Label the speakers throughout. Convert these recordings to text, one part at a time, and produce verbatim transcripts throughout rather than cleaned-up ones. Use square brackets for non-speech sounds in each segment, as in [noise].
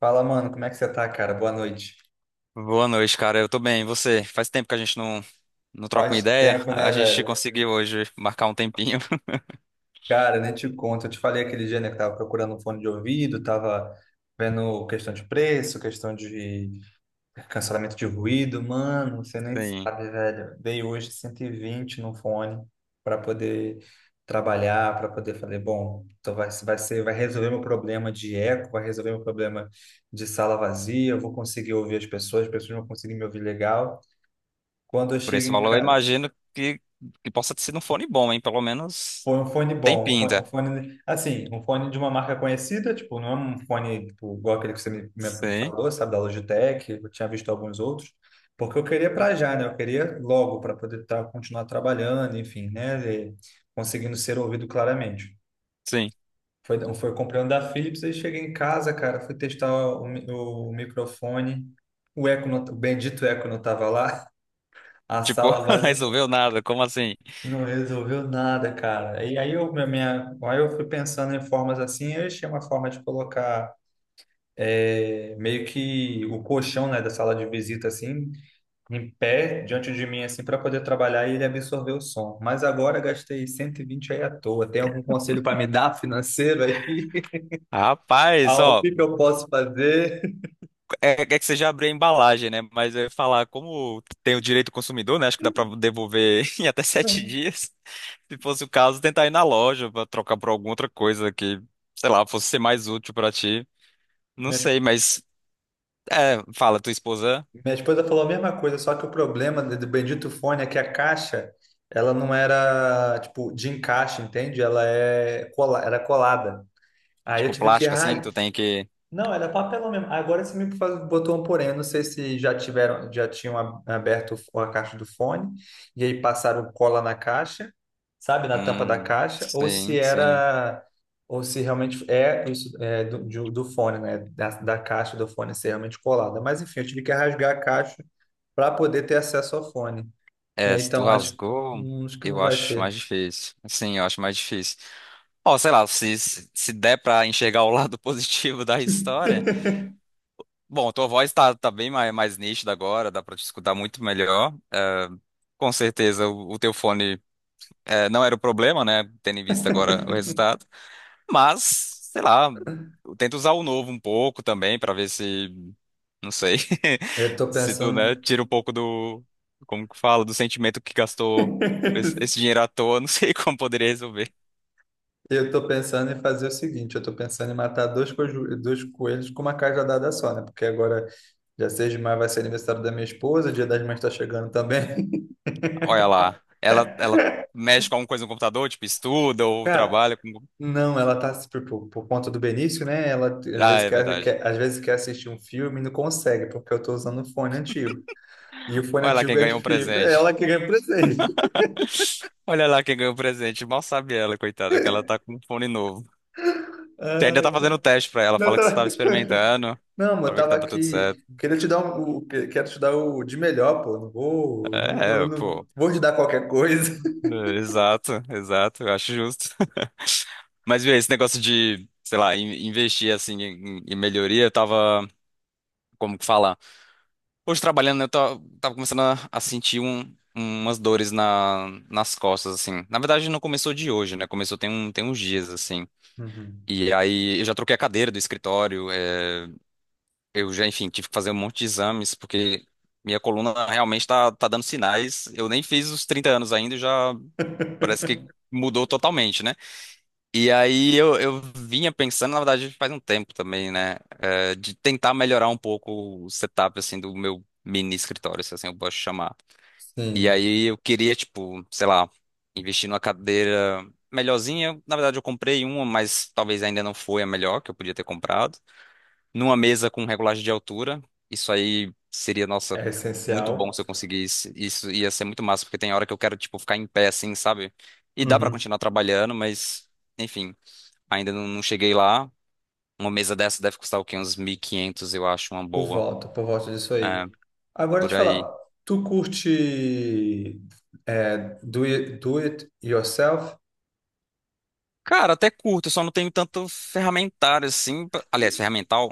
Speaker 1: Fala, mano, como é que você tá, cara? Boa noite.
Speaker 2: Boa noite, cara. Eu tô bem. E você? Faz tempo que a gente não, não troca uma
Speaker 1: Faz
Speaker 2: ideia.
Speaker 1: tempo,
Speaker 2: A
Speaker 1: né,
Speaker 2: a gente
Speaker 1: velho?
Speaker 2: conseguiu hoje marcar um tempinho. [laughs]
Speaker 1: Cara, nem te conto. Eu te falei aquele dia, né, que tava procurando um fone de ouvido, tava vendo questão de preço, questão de cancelamento de ruído. Mano, você nem
Speaker 2: Sim.
Speaker 1: sabe, velho. Dei hoje cento e vinte no fone para poder trabalhar, para poder fazer, bom, então vai, vai ser, vai resolver meu problema de eco, vai resolver meu problema de sala vazia, eu vou conseguir ouvir as pessoas, as pessoas vão conseguir me ouvir legal. Quando eu
Speaker 2: Por
Speaker 1: chego
Speaker 2: esse
Speaker 1: em
Speaker 2: valor, eu
Speaker 1: casa.
Speaker 2: imagino que, que possa ter sido um fone bom, hein? Pelo menos
Speaker 1: Foi um fone
Speaker 2: tem
Speaker 1: bom, um fone, um
Speaker 2: pinta.
Speaker 1: fone- assim, um fone de uma marca conhecida, tipo, não é um fone tipo, igual aquele que você me, me- me
Speaker 2: Sim,
Speaker 1: falou, sabe, da Logitech, eu tinha visto alguns outros, porque eu queria para já, né? Eu queria logo para poder tá, continuar trabalhando, enfim, né? E conseguindo ser ouvido claramente.
Speaker 2: sim.
Speaker 1: Foi, foi comprando da Philips, aí cheguei em casa, cara, fui testar o, mi- o microfone, o eco, não, o bendito eco não tava lá, [laughs] a
Speaker 2: Tipo,
Speaker 1: sala
Speaker 2: [laughs]
Speaker 1: vazia.
Speaker 2: resolveu nada. Como assim?
Speaker 1: Não resolveu nada, cara. E aí eu, minha, minha- aí eu fui pensando em formas assim, eu achei uma forma de colocar é, meio que o colchão, né, da sala de visita assim, em pé diante de mim assim para poder trabalhar e ele absorver o som. Mas agora gastei cento e vinte aí à toa. Tem algum conselho para me dar financeiro aí? [laughs]
Speaker 2: Rapaz,
Speaker 1: Ao
Speaker 2: ó,
Speaker 1: que que eu posso fazer?
Speaker 2: é, é que você já abriu a embalagem, né? Mas eu ia falar, como tem o direito do consumidor, né? Acho que dá pra devolver [laughs] em até sete dias. Se fosse o caso, tentar ir na loja pra trocar por alguma outra coisa que, sei lá, fosse ser mais útil pra ti. Não sei,
Speaker 1: Minhas
Speaker 2: mas é, fala, tua esposa,
Speaker 1: Minha esposa falou a mesma coisa, só que o problema do do bendito fone é que a caixa, ela não era, tipo, de encaixe, entende? Ela é cola, era colada. Aí eu
Speaker 2: tipo
Speaker 1: tive que
Speaker 2: plástico assim, que
Speaker 1: ra-
Speaker 2: tu tem que.
Speaker 1: Não, era papelão mesmo. Agora você me faz- botou um porém. Eu não sei se já tiveram, já tinham ab- aberto a caixa do fone e aí passaram cola na caixa, sabe, na tampa da
Speaker 2: Hum,
Speaker 1: caixa, ou se
Speaker 2: sim, sim.
Speaker 1: era, ou se realmente é isso é, do, de- do fone, né, da, da caixa do fone ser realmente colada. Mas enfim, eu tive que rasgar a caixa para poder ter acesso ao fone. E
Speaker 2: É,
Speaker 1: aí
Speaker 2: se tu
Speaker 1: então acho,
Speaker 2: rasgou,
Speaker 1: hum, acho que não
Speaker 2: eu
Speaker 1: vai
Speaker 2: acho mais
Speaker 1: ter.
Speaker 2: difícil. Sim, eu acho mais difícil. Ó, sei lá, se, se se der pra enxergar o lado [laughs] positivo da história. Bom, tua voz tá, tá bem mais, mais nítida agora, dá pra te escutar muito melhor. Com certeza o, o teu fone é, não era o problema, né? Tendo em vista agora o resultado. Mas, sei lá, eu tento usar o novo um pouco também pra ver se, não sei,
Speaker 1: Eu tô
Speaker 2: [laughs] se tu, né,
Speaker 1: pensando.
Speaker 2: tira um pouco do, como que fala, do sentimento que gastou esse
Speaker 1: [laughs]
Speaker 2: esse dinheiro à toa, não [laughs] sei como poderia resolver.
Speaker 1: Eu tô pensando em fazer o seguinte, eu tô pensando em matar dois, coju- dois coelhos com uma cajadada só, né? Porque agora, dia seis de maio vai ser aniversário da minha esposa, dia das mães tá chegando também.
Speaker 2: Olha lá, ela, ela mexe com alguma coisa no computador, tipo estuda
Speaker 1: [laughs]
Speaker 2: ou
Speaker 1: Cara,
Speaker 2: trabalha com...
Speaker 1: não, ela tá, tipo, por, por conta do Benício, né? Ela às
Speaker 2: Ah,
Speaker 1: vezes
Speaker 2: é
Speaker 1: quer,
Speaker 2: verdade.
Speaker 1: quer- às vezes quer assistir um filme e não consegue, porque eu tô usando um fone antigo. E o fone
Speaker 2: Olha lá quem
Speaker 1: antigo é de
Speaker 2: ganhou um
Speaker 1: fio.
Speaker 2: presente.
Speaker 1: Ela que ganha presente.
Speaker 2: Olha lá quem ganhou um presente. Mal sabe ela, coitada, que ela tá com um fone novo.
Speaker 1: [laughs]
Speaker 2: Você ainda
Speaker 1: Ai,
Speaker 2: tá fazendo
Speaker 1: cara.
Speaker 2: teste pra ela,
Speaker 1: Não, eu
Speaker 2: fala que você tava
Speaker 1: tava-
Speaker 2: experimentando,
Speaker 1: não, mas eu
Speaker 2: pra ver que
Speaker 1: tava
Speaker 2: tava tudo certo.
Speaker 1: aqui... Queria te dar um, o- que- quero te dar o de melhor, pô. Não vou, não, eu
Speaker 2: É,
Speaker 1: não
Speaker 2: pô.
Speaker 1: vou te dar qualquer coisa.
Speaker 2: É, exato, exato, eu acho justo. [laughs] Mas viu, esse negócio de, sei lá, in- investir assim em, em melhoria, eu tava, como que fala? Hoje trabalhando, eu tava, tava começando a, a sentir um- umas dores na, nas costas, assim. Na verdade, não começou de hoje, né? Começou tem, um, tem uns dias, assim.
Speaker 1: Uhum.
Speaker 2: E aí eu já troquei a cadeira do escritório, é, eu já, enfim, tive que fazer um monte de exames, porque minha coluna realmente tá, tá dando sinais. Eu nem fiz os trinta anos ainda, e já parece que mudou totalmente, né? E aí eu, eu vinha pensando, na verdade, faz um tempo também, né? Eh, de tentar melhorar um pouco o setup, assim, do meu mini escritório, se assim eu posso chamar. E
Speaker 1: Sim,
Speaker 2: aí eu queria, tipo, sei lá, investir numa cadeira melhorzinha. Na verdade, eu comprei uma, mas talvez ainda não foi a melhor que eu podia ter comprado. Numa mesa com regulagem de altura. Isso aí seria, nossa,
Speaker 1: é
Speaker 2: muito bom
Speaker 1: essencial.
Speaker 2: se eu conseguisse. Isso ia ser muito massa, porque tem hora que eu quero, tipo, ficar em pé, assim, sabe? E dá pra
Speaker 1: Uhum.
Speaker 2: continuar trabalhando, mas... Enfim, ainda não, não cheguei lá. Uma mesa dessa deve custar o quê? Uns mil e quinhentos, eu acho, uma
Speaker 1: por
Speaker 2: boa.
Speaker 1: voto, por voto disso
Speaker 2: É,
Speaker 1: aí. Agora te
Speaker 2: por aí.
Speaker 1: falar, tu curte, é, do it, do it yourself,
Speaker 2: Cara, até curto, eu só não tenho tanto ferramentário assim. pra- Aliás, ferramental?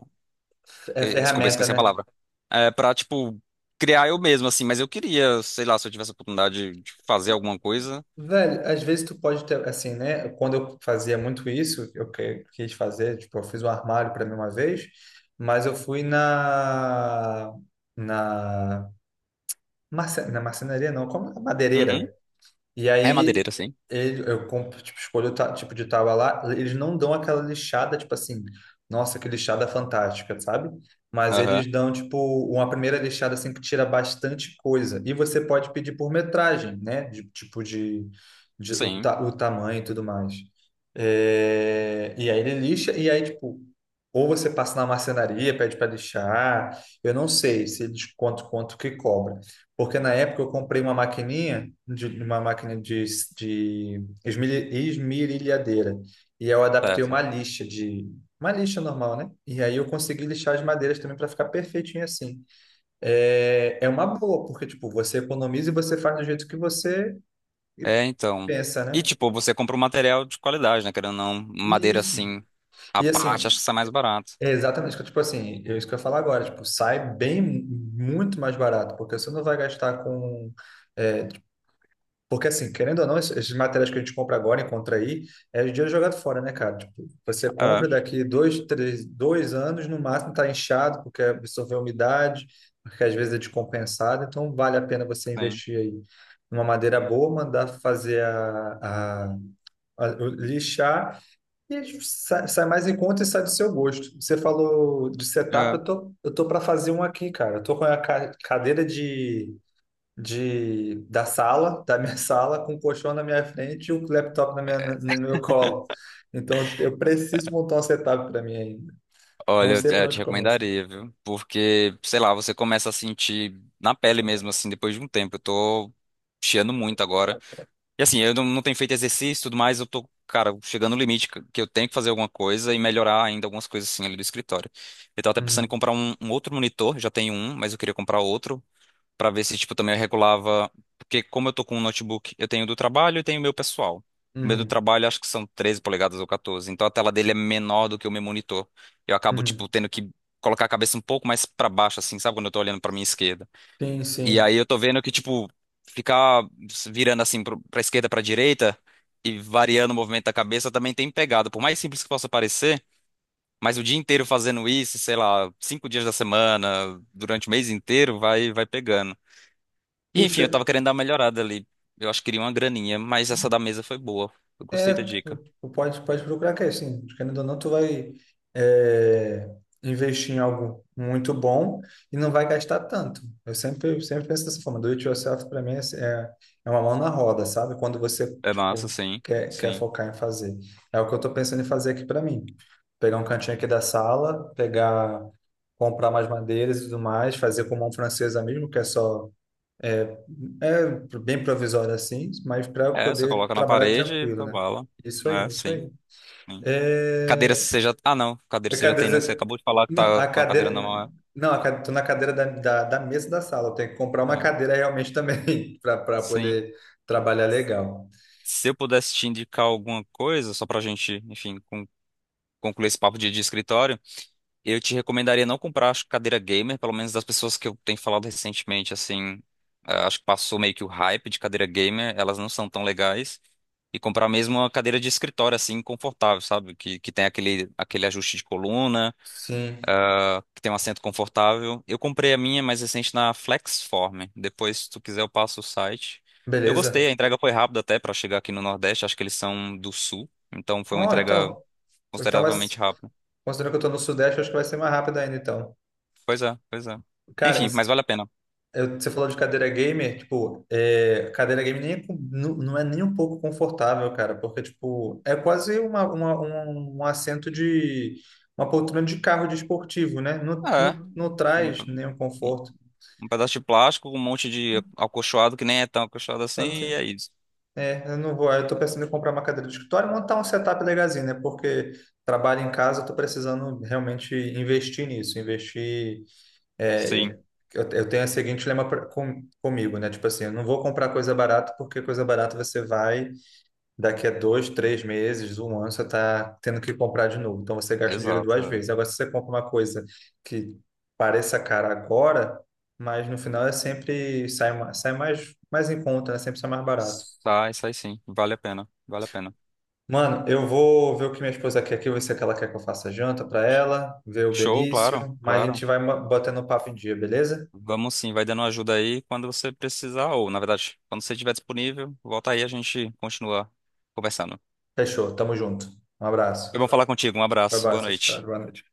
Speaker 1: É
Speaker 2: eh, Desculpa, eu
Speaker 1: ferramenta,
Speaker 2: esqueci a
Speaker 1: né?
Speaker 2: palavra. É, pra, tipo, criar eu mesmo, assim. Mas eu queria, sei lá, se eu tivesse a oportunidade de fazer alguma coisa.
Speaker 1: Velho, às vezes tu pode ter, assim, né? Quando eu fazia muito isso, eu que- quis fazer, tipo, eu fiz um armário para mim uma vez, mas eu fui na na marce- na marcenaria, não, como é?
Speaker 2: Uhum.
Speaker 1: Madeireira. E
Speaker 2: É
Speaker 1: aí,
Speaker 2: madeireira, sim.
Speaker 1: ele, eu compro, tipo, escolho o ta- tipo de tábua lá, eles não dão aquela lixada, tipo assim, nossa, que lixada fantástica, sabe? Mas
Speaker 2: Aham.
Speaker 1: eles dão, tipo, uma primeira lixada, assim, que tira bastante coisa. E você pode pedir por metragem, né? De, tipo, de, de o,
Speaker 2: Sim,
Speaker 1: ta, o tamanho e tudo mais. É, e aí ele lixa, e aí, tipo, ou você passa na marcenaria, pede para lixar, eu não sei se eles quanto, quanto que cobra. Porque na época eu comprei uma maquininha, de, uma máquina de, de esmeri- esmerilhadeira, e eu adaptei uma
Speaker 2: certo.
Speaker 1: lixa de uma lixa normal, né? E aí eu consegui lixar as madeiras também para ficar perfeitinho assim. É, é uma boa, porque tipo, você economiza e você faz do jeito que você
Speaker 2: É, então.
Speaker 1: pensa,
Speaker 2: E,
Speaker 1: né?
Speaker 2: tipo, você compra um material de qualidade, né? Querendo ou não, madeira
Speaker 1: Isso.
Speaker 2: assim, à
Speaker 1: E
Speaker 2: parte, acho
Speaker 1: assim,
Speaker 2: que sai mais barato.
Speaker 1: é exatamente, que tipo assim, é isso que eu ia falar agora, tipo, sai bem muito mais barato, porque você não vai gastar com, é, porque, assim, querendo ou não, es- esses materiais que a gente compra agora, encontra aí, é dinheiro jogado fora, né, cara? Tipo, você compra
Speaker 2: É,
Speaker 1: daqui dois, três, dois anos, no máximo tá inchado, porque absorveu umidade, porque às vezes é descompensado, então vale a pena você
Speaker 2: sim.
Speaker 1: investir aí numa madeira boa, mandar fazer a, a, a- o- lixar e sai, sai mais em conta e sai do seu gosto. Você falou de setup,
Speaker 2: É.
Speaker 1: eu tô, eu tô, para fazer um aqui, cara. Eu tô com a ca- cadeira de de da sala, da minha [laughs] sala, com o colchão na minha frente e o laptop na minha, na- no meu colo. Então eu preciso montar um setup para mim ainda.
Speaker 2: Olha,
Speaker 1: Não
Speaker 2: eu
Speaker 1: sei
Speaker 2: te
Speaker 1: por
Speaker 2: eu te
Speaker 1: onde começar.
Speaker 2: recomendaria, viu? Porque, sei lá, você começa a sentir na pele mesmo, assim, depois de um tempo. Eu tô chiando muito agora. E assim, eu não, não tenho feito exercício e tudo mais, eu tô, cara, chegando no limite que que eu tenho que fazer alguma coisa e melhorar ainda algumas coisas, assim, ali do escritório. Eu tava até pensando em
Speaker 1: Uhum,
Speaker 2: comprar um, um outro monitor, já tenho um, mas eu queria comprar outro. Pra ver se, tipo, também eu regulava. Porque como eu tô com um notebook, eu tenho do trabalho e tenho o meu pessoal. O meu do
Speaker 1: uhum,
Speaker 2: trabalho acho que são treze polegadas ou quatorze. Então a tela dele é menor do que o meu monitor. Eu acabo,
Speaker 1: uhum.
Speaker 2: tipo, tendo que colocar a cabeça um pouco mais pra baixo, assim, sabe? Quando eu tô olhando pra minha esquerda.
Speaker 1: Sim,
Speaker 2: E aí
Speaker 1: sim.
Speaker 2: eu tô vendo que, tipo, ficar virando assim pro- pra esquerda, pra direita e variando o movimento da cabeça também tem pegado. Por mais simples que possa parecer, mas o dia inteiro fazendo isso, sei lá, cinco dias da semana, durante o mês inteiro, vai, vai pegando. E
Speaker 1: Tu
Speaker 2: enfim, eu tava
Speaker 1: che-
Speaker 2: querendo dar uma melhorada ali. Eu acho que queria uma graninha, mas essa da mesa foi boa. Eu
Speaker 1: É,
Speaker 2: gostei da
Speaker 1: tu,
Speaker 2: dica.
Speaker 1: tu pode, pode procurar que é assim, querendo ou não, tu vai, é, investir em algo muito bom e não vai gastar tanto. Eu sempre, sempre penso dessa forma, do it yourself para mim é, é é uma mão na roda, sabe? Quando você,
Speaker 2: É massa,
Speaker 1: tipo,
Speaker 2: sim,
Speaker 1: quer, quer
Speaker 2: sim.
Speaker 1: focar em fazer. É o que eu tô pensando em fazer aqui para mim. Pegar um cantinho aqui da sala, pegar, comprar mais madeiras e tudo mais, fazer com mão francesa mesmo, que é só, é, é bem provisório assim, mas para
Speaker 2: É, você
Speaker 1: poder
Speaker 2: coloca na
Speaker 1: trabalhar
Speaker 2: parede e
Speaker 1: tranquilo,
Speaker 2: tá
Speaker 1: né?
Speaker 2: bala.
Speaker 1: Isso aí,
Speaker 2: É,
Speaker 1: isso
Speaker 2: sim,
Speaker 1: aí.
Speaker 2: sim. Cadeira
Speaker 1: É,
Speaker 2: você já. Ah, não, cadeira
Speaker 1: a
Speaker 2: você já tem, né? Você
Speaker 1: cadeira,
Speaker 2: acabou de falar que
Speaker 1: não,
Speaker 2: tá
Speaker 1: a
Speaker 2: com a cadeira na
Speaker 1: cadeira,
Speaker 2: mão.
Speaker 1: não, a cadeira, tô na cadeira da, da, da mesa da sala. Eu tenho que comprar
Speaker 2: É,
Speaker 1: uma
Speaker 2: é,
Speaker 1: cadeira realmente também [laughs] para para
Speaker 2: sim.
Speaker 1: poder trabalhar legal.
Speaker 2: Se eu pudesse te indicar alguma coisa, só pra gente, enfim, con- concluir esse papo de, de escritório. Eu te recomendaria não comprar, acho, cadeira gamer, pelo menos das pessoas que eu tenho falado recentemente, assim, ah, acho que passou meio que o hype de cadeira gamer, elas não são tão legais. E comprar mesmo uma cadeira de escritório, assim, confortável, sabe? Que, que tem aquele, aquele ajuste de coluna,
Speaker 1: Sim,
Speaker 2: ah, que tem um assento confortável. Eu comprei a minha mais recente na Flexform. Depois, se tu quiser, eu passo o site. Eu gostei, a
Speaker 1: beleza.
Speaker 2: entrega foi rápida até para chegar aqui no Nordeste, acho que eles são do Sul, então foi uma
Speaker 1: Ó,
Speaker 2: entrega
Speaker 1: então, então,
Speaker 2: consideravelmente
Speaker 1: mas,
Speaker 2: rápida.
Speaker 1: considerando que eu tô no Sudeste, acho que vai ser mais rápido ainda, então.
Speaker 2: Pois é, pois é.
Speaker 1: Cara, e,
Speaker 2: Enfim, mas vale a pena.
Speaker 1: Eu- você falou de cadeira gamer, tipo, é, cadeira gamer nem, é com- nu- não é nem um pouco confortável, cara, porque, tipo, é quase uma, uma- um, um assento de, uma poltrona de carro de esportivo, né? Não,
Speaker 2: É.
Speaker 1: não, não
Speaker 2: Um
Speaker 1: traz nenhum conforto.
Speaker 2: um pedaço de plástico um monte de acolchoado que nem é tão acolchoado assim,
Speaker 1: Então,
Speaker 2: e
Speaker 1: assim,
Speaker 2: é isso.
Speaker 1: é, eu não vou, eu tô pensando em comprar uma cadeira de escritório e montar um setup legalzinho, né? Porque trabalho em casa, eu tô precisando realmente investir nisso, investir É, eu,
Speaker 2: Sim,
Speaker 1: eu eu tenho o seguinte lema pra- com, comigo, né? Tipo assim, eu não vou comprar coisa barata porque coisa barata você vai, daqui a dois, três meses, um ano, você tá tendo que comprar de novo. Então você gasta o dinheiro
Speaker 2: exato.
Speaker 1: duas
Speaker 2: É.
Speaker 1: vezes. Agora, se você compra uma coisa que pareça cara agora, mas no final é sempre sai, ma- sai mais, mais em conta, né? Sempre sai mais barato.
Speaker 2: Sai, sai sim. Vale a pena, vale a pena.
Speaker 1: Mano, eu vou ver o que minha esposa quer aqui, ver se é que ela quer que eu faça janta pra ela, ver o
Speaker 2: Show, claro,
Speaker 1: Benício, mas a gente
Speaker 2: claro.
Speaker 1: vai ma- botando o papo em dia, beleza?
Speaker 2: Vamos sim, vai dando ajuda aí quando você precisar, ou na verdade, quando você estiver disponível, volta aí, a gente continua conversando.
Speaker 1: Fechou, tamo junto. Um abraço.
Speaker 2: Foi bom falar contigo, um
Speaker 1: Vai,
Speaker 2: abraço, boa
Speaker 1: tchau, tchau.
Speaker 2: noite.
Speaker 1: Boa noite.